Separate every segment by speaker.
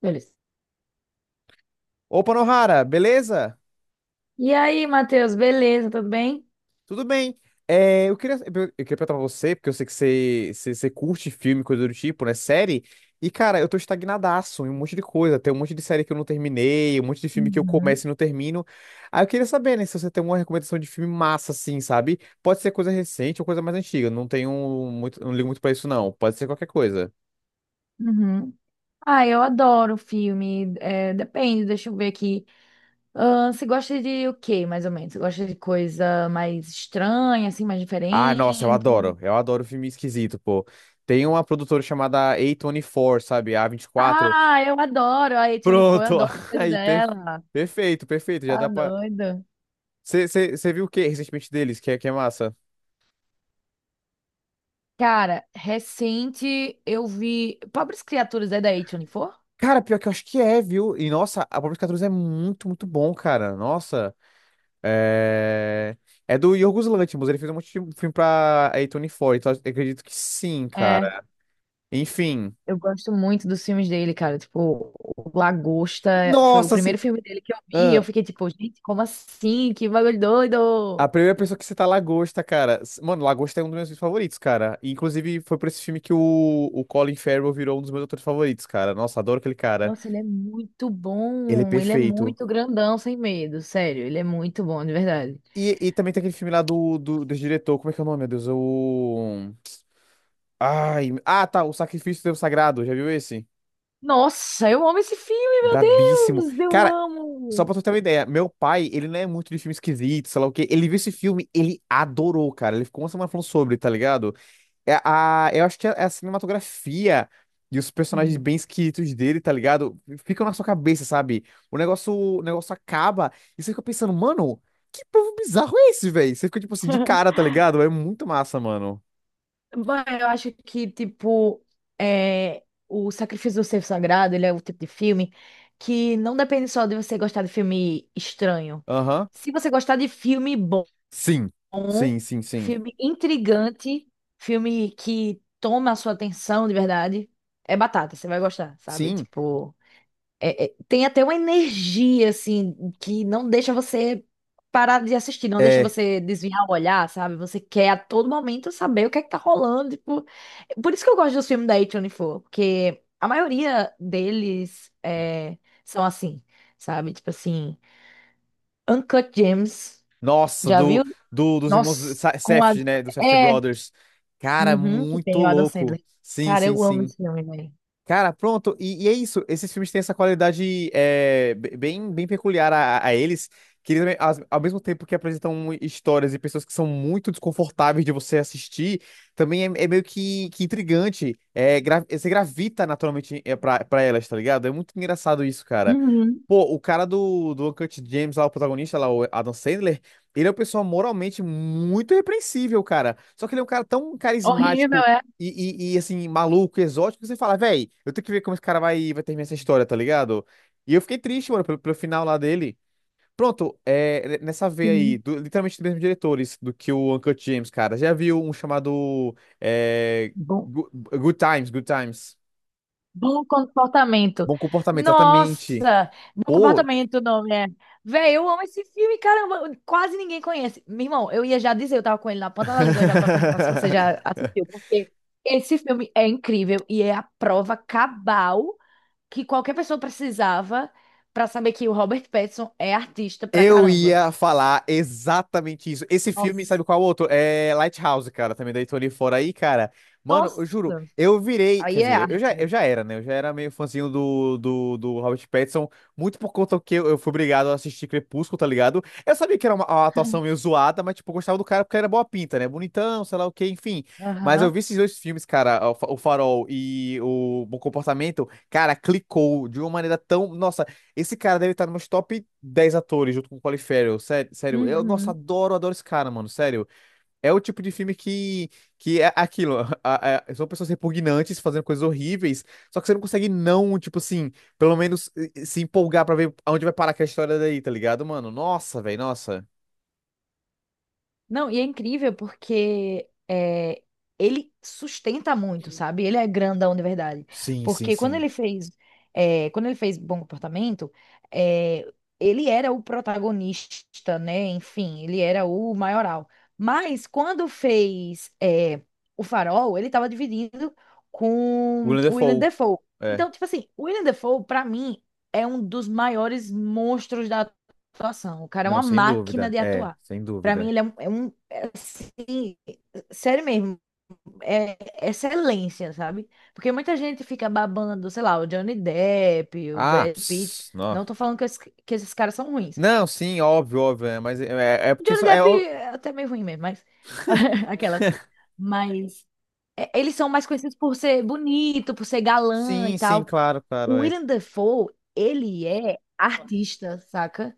Speaker 1: Beleza.
Speaker 2: Opa, Nohara, beleza?
Speaker 1: E aí, Matheus, beleza? Tudo bem?
Speaker 2: Tudo bem. É, eu queria perguntar pra você, porque eu sei que você curte filme, coisa do tipo, né? Série. E, cara, eu tô estagnadaço em um monte de coisa. Tem um monte de série que eu não terminei, um monte de filme que eu
Speaker 1: Uhum,
Speaker 2: começo e não termino. Aí eu queria saber, né, se você tem uma recomendação de filme massa, assim, sabe? Pode ser coisa recente ou coisa mais antiga. Não tenho muito, não ligo muito pra isso, não. Pode ser qualquer coisa.
Speaker 1: uhum. Ah, eu adoro filme. É, depende, deixa eu ver aqui. Ah, você gosta de o quê, mais ou menos? Você gosta de coisa mais estranha, assim, mais
Speaker 2: Ah, nossa, eu
Speaker 1: diferente?
Speaker 2: adoro. Eu adoro filme esquisito, pô. Tem uma produtora chamada A24, sabe? A24.
Speaker 1: Ah, eu adoro. A A24, eu
Speaker 2: Pronto,
Speaker 1: adoro as coisas
Speaker 2: aí,
Speaker 1: dela.
Speaker 2: perfeito, perfeito, já
Speaker 1: Tá
Speaker 2: dá pra...
Speaker 1: doida.
Speaker 2: Você viu o que recentemente deles, que é massa?
Speaker 1: Cara, recente eu vi Pobres Criaturas é da A24?
Speaker 2: Cara, pior que eu acho que é, viu? E, nossa, a Pobre 14 é muito, muito bom, cara, nossa. É... É do Yorgos Lanthimos, ele fez um monte de filme pra A24, então eu acredito que sim,
Speaker 1: É.
Speaker 2: cara. Enfim,
Speaker 1: Eu gosto muito dos filmes dele, cara. Tipo, o Lagosta foi o
Speaker 2: nossa, assim,
Speaker 1: primeiro filme dele que eu vi. E eu
Speaker 2: ah,
Speaker 1: fiquei tipo, gente, como assim? Que bagulho
Speaker 2: a
Speaker 1: doido!
Speaker 2: primeira pessoa que cita a Lagosta, cara. Mano, Lagosta é um dos meus filmes favoritos, cara. E, inclusive, foi por esse filme que o Colin Farrell virou um dos meus atores favoritos, cara. Nossa, adoro aquele cara.
Speaker 1: Nossa, ele é muito
Speaker 2: Ele é
Speaker 1: bom. Ele é
Speaker 2: perfeito.
Speaker 1: muito grandão, sem medo. Sério, ele é muito bom, de verdade.
Speaker 2: E também tem aquele filme lá do diretor. Como é que é o nome, meu Deus? É O. Ai. Ah, tá. O Sacrifício do Devo Sagrado. Já viu esse?
Speaker 1: Nossa, eu amo esse filme, meu
Speaker 2: Brabíssimo.
Speaker 1: Deus! Eu
Speaker 2: Cara, só
Speaker 1: amo!
Speaker 2: pra tu ter uma ideia, meu pai, ele não é muito de filme esquisito, sei lá o quê. Ele viu esse filme, ele adorou, cara. Ele ficou uma semana falando sobre, tá ligado? Eu acho que é a cinematografia e os personagens
Speaker 1: Uhum.
Speaker 2: bem esquisitos dele, tá ligado? Ficam na sua cabeça, sabe? O negócio acaba e você fica pensando, mano, que povo bizarro é esse, velho? Você fica, tipo assim, de cara, tá ligado? É muito massa, mano.
Speaker 1: Bom, eu acho que, tipo, é, o Sacrifício do Cervo Sagrado, ele é o tipo de filme que não depende só de você gostar de filme estranho.
Speaker 2: Aham.
Speaker 1: Se você gostar de filme bom,
Speaker 2: Sim. Sim, sim, sim.
Speaker 1: filme intrigante, filme que toma a sua atenção de verdade, é batata, você vai gostar, sabe?
Speaker 2: Sim.
Speaker 1: Tipo, tem até uma energia, assim, que não deixa você parar de assistir, não deixa
Speaker 2: É.
Speaker 1: você desviar o olhar, sabe? Você quer a todo momento saber o que é que tá rolando, tipo. Por isso que eu gosto dos filmes da A24, porque a maioria deles são assim, sabe? Tipo assim, Uncut Gems,
Speaker 2: Nossa,
Speaker 1: já
Speaker 2: do,
Speaker 1: viu?
Speaker 2: do, dos irmãos
Speaker 1: Nossa. com a...
Speaker 2: Safdie, né? Dos Safdie
Speaker 1: É,
Speaker 2: Brothers. Cara,
Speaker 1: uhum, que
Speaker 2: muito
Speaker 1: tem o Adam
Speaker 2: louco.
Speaker 1: Sandler.
Speaker 2: Sim,
Speaker 1: Cara,
Speaker 2: sim,
Speaker 1: eu amo
Speaker 2: sim.
Speaker 1: esse filme, velho.
Speaker 2: Cara, pronto, e é isso. Esses filmes têm essa qualidade bem, bem peculiar a, eles, que eles, também, ao mesmo tempo que apresentam histórias e pessoas que são muito desconfortáveis de você assistir, também é meio que intrigante. É, você gravita naturalmente pra elas, tá ligado? É muito engraçado isso, cara.
Speaker 1: Uhum.
Speaker 2: Pô, o cara do Uncut James, lá, o protagonista, lá, o Adam Sandler, ele é uma pessoa moralmente muito repreensível, cara. Só que ele é um cara tão
Speaker 1: Horrível,
Speaker 2: carismático
Speaker 1: é?
Speaker 2: e, assim, maluco, exótico, você fala, véi, eu tenho que ver como esse cara vai terminar essa história, tá ligado? E eu fiquei triste, mano, pelo final lá dele. Pronto, nessa veia aí,
Speaker 1: Sim.
Speaker 2: literalmente dos mesmos diretores do que o Uncut James, cara. Já viu um chamado é,
Speaker 1: Bom,
Speaker 2: Good Times, Good Times.
Speaker 1: Bom comportamento.
Speaker 2: Bom comportamento, exatamente.
Speaker 1: Nossa, bom
Speaker 2: Pô.
Speaker 1: comportamento, o nome é. Véi, eu amo esse filme, caramba, quase ninguém conhece. Meu irmão, eu ia já dizer, eu tava com ele na ponta da língua já pra perguntar se você já assistiu, porque esse filme é incrível e é a prova cabal que qualquer pessoa precisava pra saber que o Robert Pattinson é artista pra
Speaker 2: Eu
Speaker 1: caramba.
Speaker 2: ia falar exatamente isso. Esse filme, sabe
Speaker 1: Nossa,
Speaker 2: qual outro? É Lighthouse, cara, também da Tony Fora aí, cara. Mano, eu
Speaker 1: nossa,
Speaker 2: juro, eu virei, quer
Speaker 1: aí é
Speaker 2: dizer,
Speaker 1: arte,
Speaker 2: eu
Speaker 1: velho.
Speaker 2: já era, né? Eu já era meio fãzinho do Robert Pattinson, muito por conta que eu fui obrigado a assistir Crepúsculo, tá ligado? Eu sabia que era uma atuação meio zoada, mas, tipo, eu gostava do cara porque ele era boa pinta, né? Bonitão, sei lá o quê, enfim. Mas eu
Speaker 1: Aham.
Speaker 2: vi esses dois filmes, cara, o Farol e o Bom Comportamento, cara, clicou de uma maneira tão. Nossa. Esse cara deve estar nos top 10 atores junto com o Colin Farrell. Sério, sério. Eu, nossa,
Speaker 1: Uhum.
Speaker 2: adoro, adoro esse cara, mano. Sério. É o tipo de filme que é aquilo. São pessoas repugnantes fazendo coisas horríveis. Só que você não consegue não, tipo assim, pelo menos se empolgar pra ver aonde vai parar aquela história daí, tá ligado, mano? Nossa, velho, nossa.
Speaker 1: Não, e é incrível porque ele sustenta muito, sabe? Ele é grandão de verdade.
Speaker 2: Sim, sim,
Speaker 1: Porque quando
Speaker 2: sim.
Speaker 1: ele fez, quando ele fez Bom Comportamento, é, ele era o protagonista, né? Enfim, ele era o maioral. Mas quando fez, O Farol, ele estava dividido com
Speaker 2: Willem
Speaker 1: o Willem
Speaker 2: Dafoe.
Speaker 1: Dafoe.
Speaker 2: É.
Speaker 1: Então, tipo assim, o Willem Dafoe, pra mim, é um dos maiores monstros da atuação. O cara é
Speaker 2: Não,
Speaker 1: uma
Speaker 2: sem
Speaker 1: máquina
Speaker 2: dúvida.
Speaker 1: de
Speaker 2: É,
Speaker 1: atuar.
Speaker 2: sem
Speaker 1: Pra mim,
Speaker 2: dúvida.
Speaker 1: ele é assim, sério mesmo, é excelência, sabe? Porque muita gente fica babando, sei lá, o Johnny Depp, o
Speaker 2: Ah,
Speaker 1: Brad Pitt.
Speaker 2: pss, não.
Speaker 1: Não tô falando que, que esses caras são ruins.
Speaker 2: Não, sim, óbvio, óbvio. É, mas é
Speaker 1: O
Speaker 2: porque...
Speaker 1: Johnny
Speaker 2: É,
Speaker 1: Depp é até meio ruim mesmo, mas. Aquelas. Mas. Eles são mais conhecidos por ser bonito, por ser galã e
Speaker 2: sim, sim,
Speaker 1: tal.
Speaker 2: claro,
Speaker 1: O
Speaker 2: claro. É.
Speaker 1: Willem Dafoe, ele é artista, saca?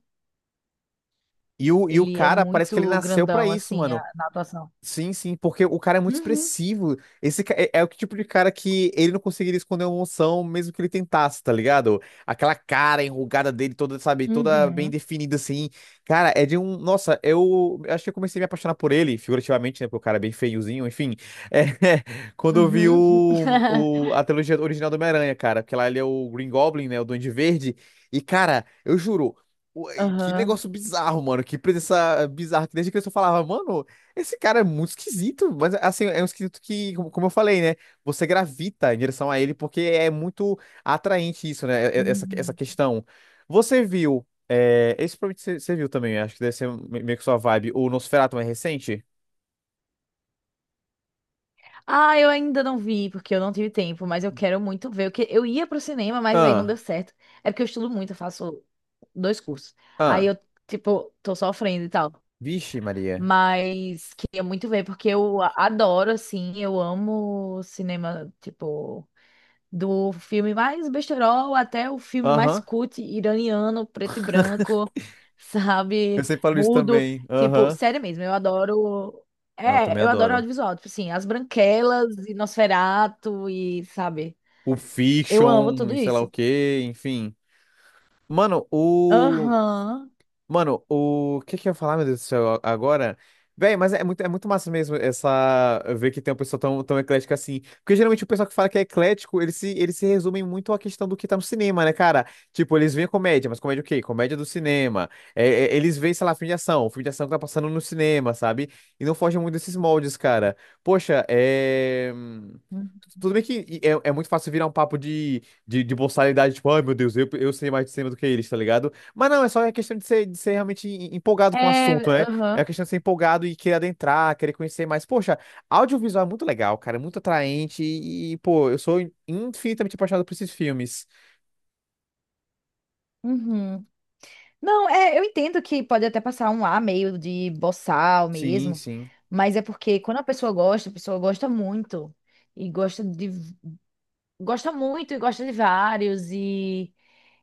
Speaker 2: E o
Speaker 1: Ele é
Speaker 2: cara, parece que ele
Speaker 1: muito
Speaker 2: nasceu pra
Speaker 1: grandão,
Speaker 2: isso,
Speaker 1: assim,
Speaker 2: mano.
Speaker 1: na atuação.
Speaker 2: Sim, sim, porque o cara é muito
Speaker 1: Uhum.
Speaker 2: expressivo. Esse é o tipo de cara que ele não conseguiria esconder uma emoção mesmo que ele tentasse, tá ligado? Aquela cara enrugada dele, toda, sabe, toda bem
Speaker 1: Uhum.
Speaker 2: definida assim. Cara, é de um. Nossa, eu acho que eu comecei a me apaixonar por ele, figurativamente, né? Porque o cara é bem feiozinho, enfim. É, quando eu vi
Speaker 1: Uhum.
Speaker 2: a trilogia original do Homem-Aranha, cara, porque lá ele é o Green Goblin, né? O Duende Verde. E, cara, eu juro. o- Que
Speaker 1: Aham.
Speaker 2: negócio bizarro, mano. Que presença bizarra. Que Desde que eu só falava, mano. Esse cara é muito esquisito, mas assim, é um esquisito que, como eu falei, né? Você gravita em direção a ele porque é muito atraente isso, né? Essa
Speaker 1: Hum.
Speaker 2: questão. Você viu, esse provavelmente você viu também, acho que deve ser meio que sua vibe, o Nosferatu mais recente?
Speaker 1: Ah, eu ainda não vi, porque eu não tive tempo, mas eu quero muito ver. Porque eu ia pro cinema, mas aí não deu
Speaker 2: Ah,
Speaker 1: certo. É porque eu estudo muito, eu faço dois cursos. Aí
Speaker 2: ah,
Speaker 1: eu, tipo, tô sofrendo e tal.
Speaker 2: vixe, Maria.
Speaker 1: Mas queria muito ver, porque eu adoro, assim, eu amo cinema, tipo. Do filme mais besterol até o filme mais
Speaker 2: Aham,
Speaker 1: cult iraniano, preto e branco,
Speaker 2: eu
Speaker 1: sabe?
Speaker 2: sempre falo isso
Speaker 1: Mudo.
Speaker 2: também.
Speaker 1: Tipo,
Speaker 2: Aham,
Speaker 1: sério mesmo, eu adoro.
Speaker 2: não, eu também
Speaker 1: É, eu adoro
Speaker 2: adoro.
Speaker 1: audiovisual. Tipo assim, As Branquelas e Nosferatu e, sabe?
Speaker 2: O
Speaker 1: Eu amo
Speaker 2: Fiction,
Speaker 1: tudo
Speaker 2: e sei lá o
Speaker 1: isso.
Speaker 2: quê, enfim. Mano, o.
Speaker 1: Aham.
Speaker 2: Mano, o que que eu ia falar, meu Deus do céu, agora? Véi, mas é muito massa mesmo essa ver que tem um pessoal tão, tão eclético assim. Porque geralmente o pessoal que fala que é eclético, eles se resumem muito à questão do que tá no cinema, né, cara? Tipo, eles veem comédia, mas comédia o quê? Comédia do cinema. Eles veem, sei lá, filme de ação que tá passando no cinema, sabe? E não fogem muito desses moldes, cara. Poxa, é. Tudo bem que é muito fácil virar um papo de boçalidade, tipo, ai meu Deus, eu sei mais de cinema do que eles, tá ligado? Mas não, é só a questão de ser, realmente empolgado com o
Speaker 1: É,
Speaker 2: assunto, né? É a
Speaker 1: aham.
Speaker 2: questão de ser empolgado e querer adentrar, querer conhecer mais. Poxa, audiovisual é muito legal, cara, é muito atraente pô, eu sou infinitamente apaixonado por esses filmes.
Speaker 1: Uhum. Não, eu entendo que pode até passar um ar meio de boçal
Speaker 2: Sim,
Speaker 1: mesmo,
Speaker 2: sim.
Speaker 1: mas é porque quando a pessoa gosta muito e gosta muito e gosta de vários e,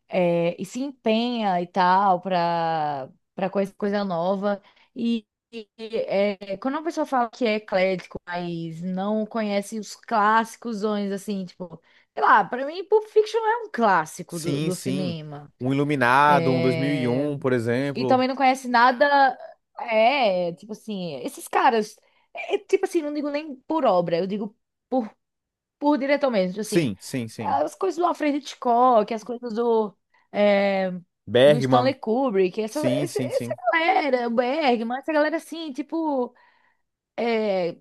Speaker 1: é, e se empenha e tal para coisa nova. Quando uma pessoa fala que é eclético, mas não conhece os clássicos, assim, tipo, sei lá, para mim Pulp Fiction é um clássico do,
Speaker 2: Sim,
Speaker 1: do
Speaker 2: sim.
Speaker 1: cinema.
Speaker 2: Um Iluminado, um
Speaker 1: É,
Speaker 2: 2001, por
Speaker 1: e
Speaker 2: exemplo.
Speaker 1: também não conhece nada. É, tipo assim, esses caras, tipo assim, não digo nem por obra, eu digo. por por diretor mesmo, tipo assim,
Speaker 2: Sim, sim, sim.
Speaker 1: as coisas do Alfred Hitchcock, as coisas é, do Stanley
Speaker 2: Bergman.
Speaker 1: Kubrick, essa,
Speaker 2: Sim,
Speaker 1: essa,
Speaker 2: sim,
Speaker 1: essa
Speaker 2: sim.
Speaker 1: galera, o Bergman, essa galera assim, tipo, é,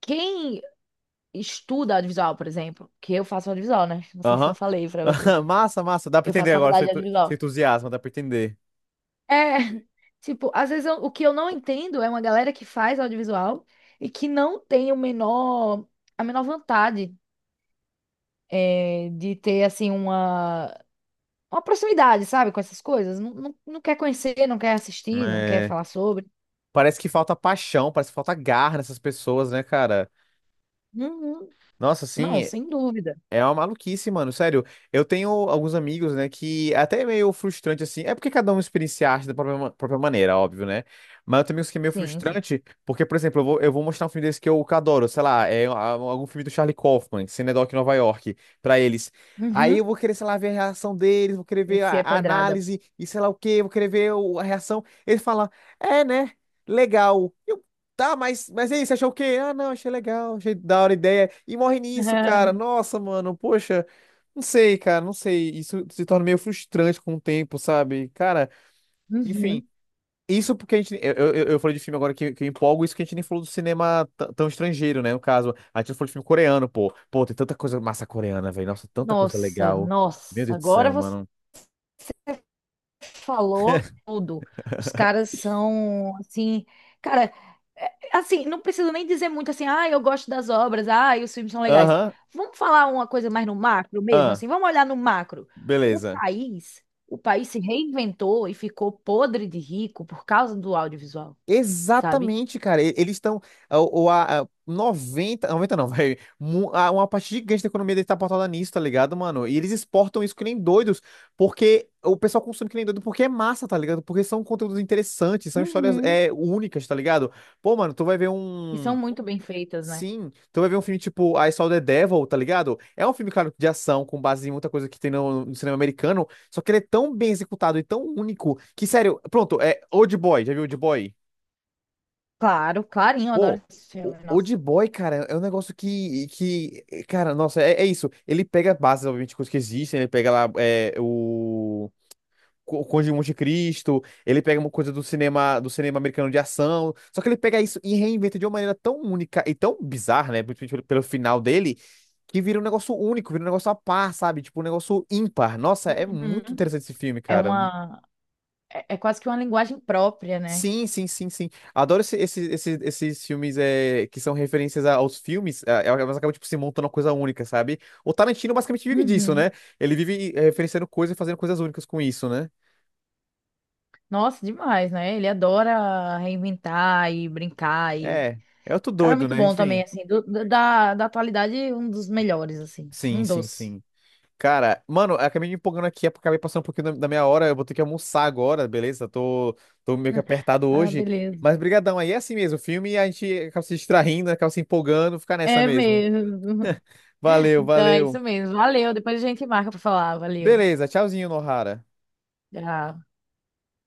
Speaker 1: quem estuda audiovisual, por exemplo, que eu faço audiovisual, né? Não sei se eu
Speaker 2: Aham.
Speaker 1: falei pra você,
Speaker 2: Massa, massa. Dá pra
Speaker 1: eu
Speaker 2: entender
Speaker 1: faço
Speaker 2: agora,
Speaker 1: faculdade
Speaker 2: seu
Speaker 1: de
Speaker 2: seu
Speaker 1: audiovisual.
Speaker 2: entusiasmo, dá pra entender.
Speaker 1: É, tipo, às vezes o que eu não entendo é uma galera que faz audiovisual e que não tem o menor, a menor vontade, de ter assim uma proximidade, sabe, com essas coisas. Não, não, não quer conhecer, não quer assistir, não quer
Speaker 2: É.
Speaker 1: falar sobre.
Speaker 2: Parece que falta paixão, parece que falta garra nessas pessoas, né, cara?
Speaker 1: Uhum.
Speaker 2: Nossa,
Speaker 1: Não,
Speaker 2: assim,
Speaker 1: sem dúvida.
Speaker 2: é uma maluquice, mano. Sério, eu tenho alguns amigos, né, que é até é meio frustrante, assim. É porque cada um experiencia a arte da própria maneira, óbvio, né? Mas eu tenho amigos que é meio
Speaker 1: Sim, sim.
Speaker 2: frustrante, porque, por exemplo, eu vou mostrar um filme desse que eu que adoro, sei lá, algum filme do Charlie Kaufman, Cinedoc em Nova York, pra eles. Aí eu
Speaker 1: Uhum.
Speaker 2: vou querer, sei lá, ver a reação deles, vou querer
Speaker 1: E
Speaker 2: ver
Speaker 1: se
Speaker 2: a,
Speaker 1: é
Speaker 2: a
Speaker 1: pedrada?
Speaker 2: análise e sei lá o quê, vou querer ver a reação. Eles falam é, né? Legal. Tá, mas é isso, achou o quê? Ah, não, achei legal, achei da hora a ideia. E morre nisso, cara. Nossa, mano, poxa, não sei, cara, não sei. Isso se torna meio frustrante com o tempo, sabe? Cara, enfim,
Speaker 1: Uhum.
Speaker 2: isso porque a gente. Eu falei de filme agora que eu empolgo, isso que a gente nem falou do cinema tão estrangeiro, né? No caso, a gente não falou de filme coreano, pô. Pô, tem tanta coisa massa coreana, velho. Nossa, tanta coisa
Speaker 1: Nossa,
Speaker 2: legal. Meu
Speaker 1: nossa.
Speaker 2: Deus do
Speaker 1: Agora
Speaker 2: céu, mano.
Speaker 1: falou tudo. Os caras são assim, cara, assim, não preciso nem dizer muito assim, ah, eu gosto das obras, ah, e os filmes são legais.
Speaker 2: Aham,
Speaker 1: Vamos falar uma coisa mais no macro mesmo,
Speaker 2: ah,
Speaker 1: assim, vamos olhar no macro. O
Speaker 2: beleza.
Speaker 1: país, o país se reinventou e ficou podre de rico por causa do audiovisual, sabe?
Speaker 2: Exatamente, cara. Eles estão. Ou a 90 90 não, velho. Uma parte gigante da economia deles tá pautada nisso, tá ligado, mano? E eles exportam isso que nem doidos, porque o pessoal consome que nem doido porque é massa, tá ligado? Porque são conteúdos interessantes, são histórias
Speaker 1: Uhum.
Speaker 2: únicas, tá ligado? Pô, mano, tu vai ver
Speaker 1: E são
Speaker 2: um.
Speaker 1: muito bem feitas, né?
Speaker 2: Sim, tu vai ver um filme tipo I Saw the Devil, tá ligado? É um filme, claro, de ação, com base em muita coisa que tem no cinema americano, só que ele é tão bem executado e tão único que, sério, pronto, é Old Boy, já viu Old Boy?
Speaker 1: Claro, clarinho, eu adoro
Speaker 2: Pô,
Speaker 1: esse
Speaker 2: o
Speaker 1: filme,
Speaker 2: Old
Speaker 1: nossa.
Speaker 2: Boy, cara, é um negócio que cara, nossa, é isso. Ele pega bases, obviamente, coisas que existem, ele pega lá o Conde de Monte Cristo, ele pega uma coisa do cinema, americano de ação, só que ele pega isso e reinventa de uma maneira tão única e tão bizarra, né, principalmente pelo final dele, que vira um negócio único, vira um negócio a par, sabe? Tipo, um negócio ímpar. Nossa, é muito
Speaker 1: Uhum.
Speaker 2: interessante esse filme,
Speaker 1: É
Speaker 2: cara.
Speaker 1: uma, é é quase que uma linguagem própria, né?
Speaker 2: Sim, sim, sim, sim. Adoro esses filmes que são referências aos filmes, mas acaba tipo, se montando uma coisa única, sabe? O Tarantino basicamente vive disso,
Speaker 1: Uhum.
Speaker 2: né? Ele vive referenciando coisas e fazendo coisas únicas com isso, né?
Speaker 1: Nossa, demais, né? Ele adora reinventar e brincar e.
Speaker 2: É, é outro
Speaker 1: O cara é
Speaker 2: doido,
Speaker 1: muito
Speaker 2: né?
Speaker 1: bom também,
Speaker 2: Enfim.
Speaker 1: assim, da atualidade, um dos melhores, assim,
Speaker 2: Sim,
Speaker 1: um
Speaker 2: sim,
Speaker 1: dos.
Speaker 2: sim. Cara, mano, eu acabei me empolgando aqui, acabei passando um pouquinho da minha hora, eu vou ter que almoçar agora, beleza? Tô meio que apertado
Speaker 1: Ah,
Speaker 2: hoje.
Speaker 1: beleza.
Speaker 2: Mas brigadão, aí é assim mesmo, o filme a gente acaba se distraindo, acaba se empolgando, fica nessa
Speaker 1: É
Speaker 2: mesmo.
Speaker 1: mesmo.
Speaker 2: Valeu,
Speaker 1: Então é isso
Speaker 2: valeu.
Speaker 1: mesmo. Valeu, depois a gente marca pra falar, valeu.
Speaker 2: Beleza, tchauzinho, Nohara.
Speaker 1: Tchau.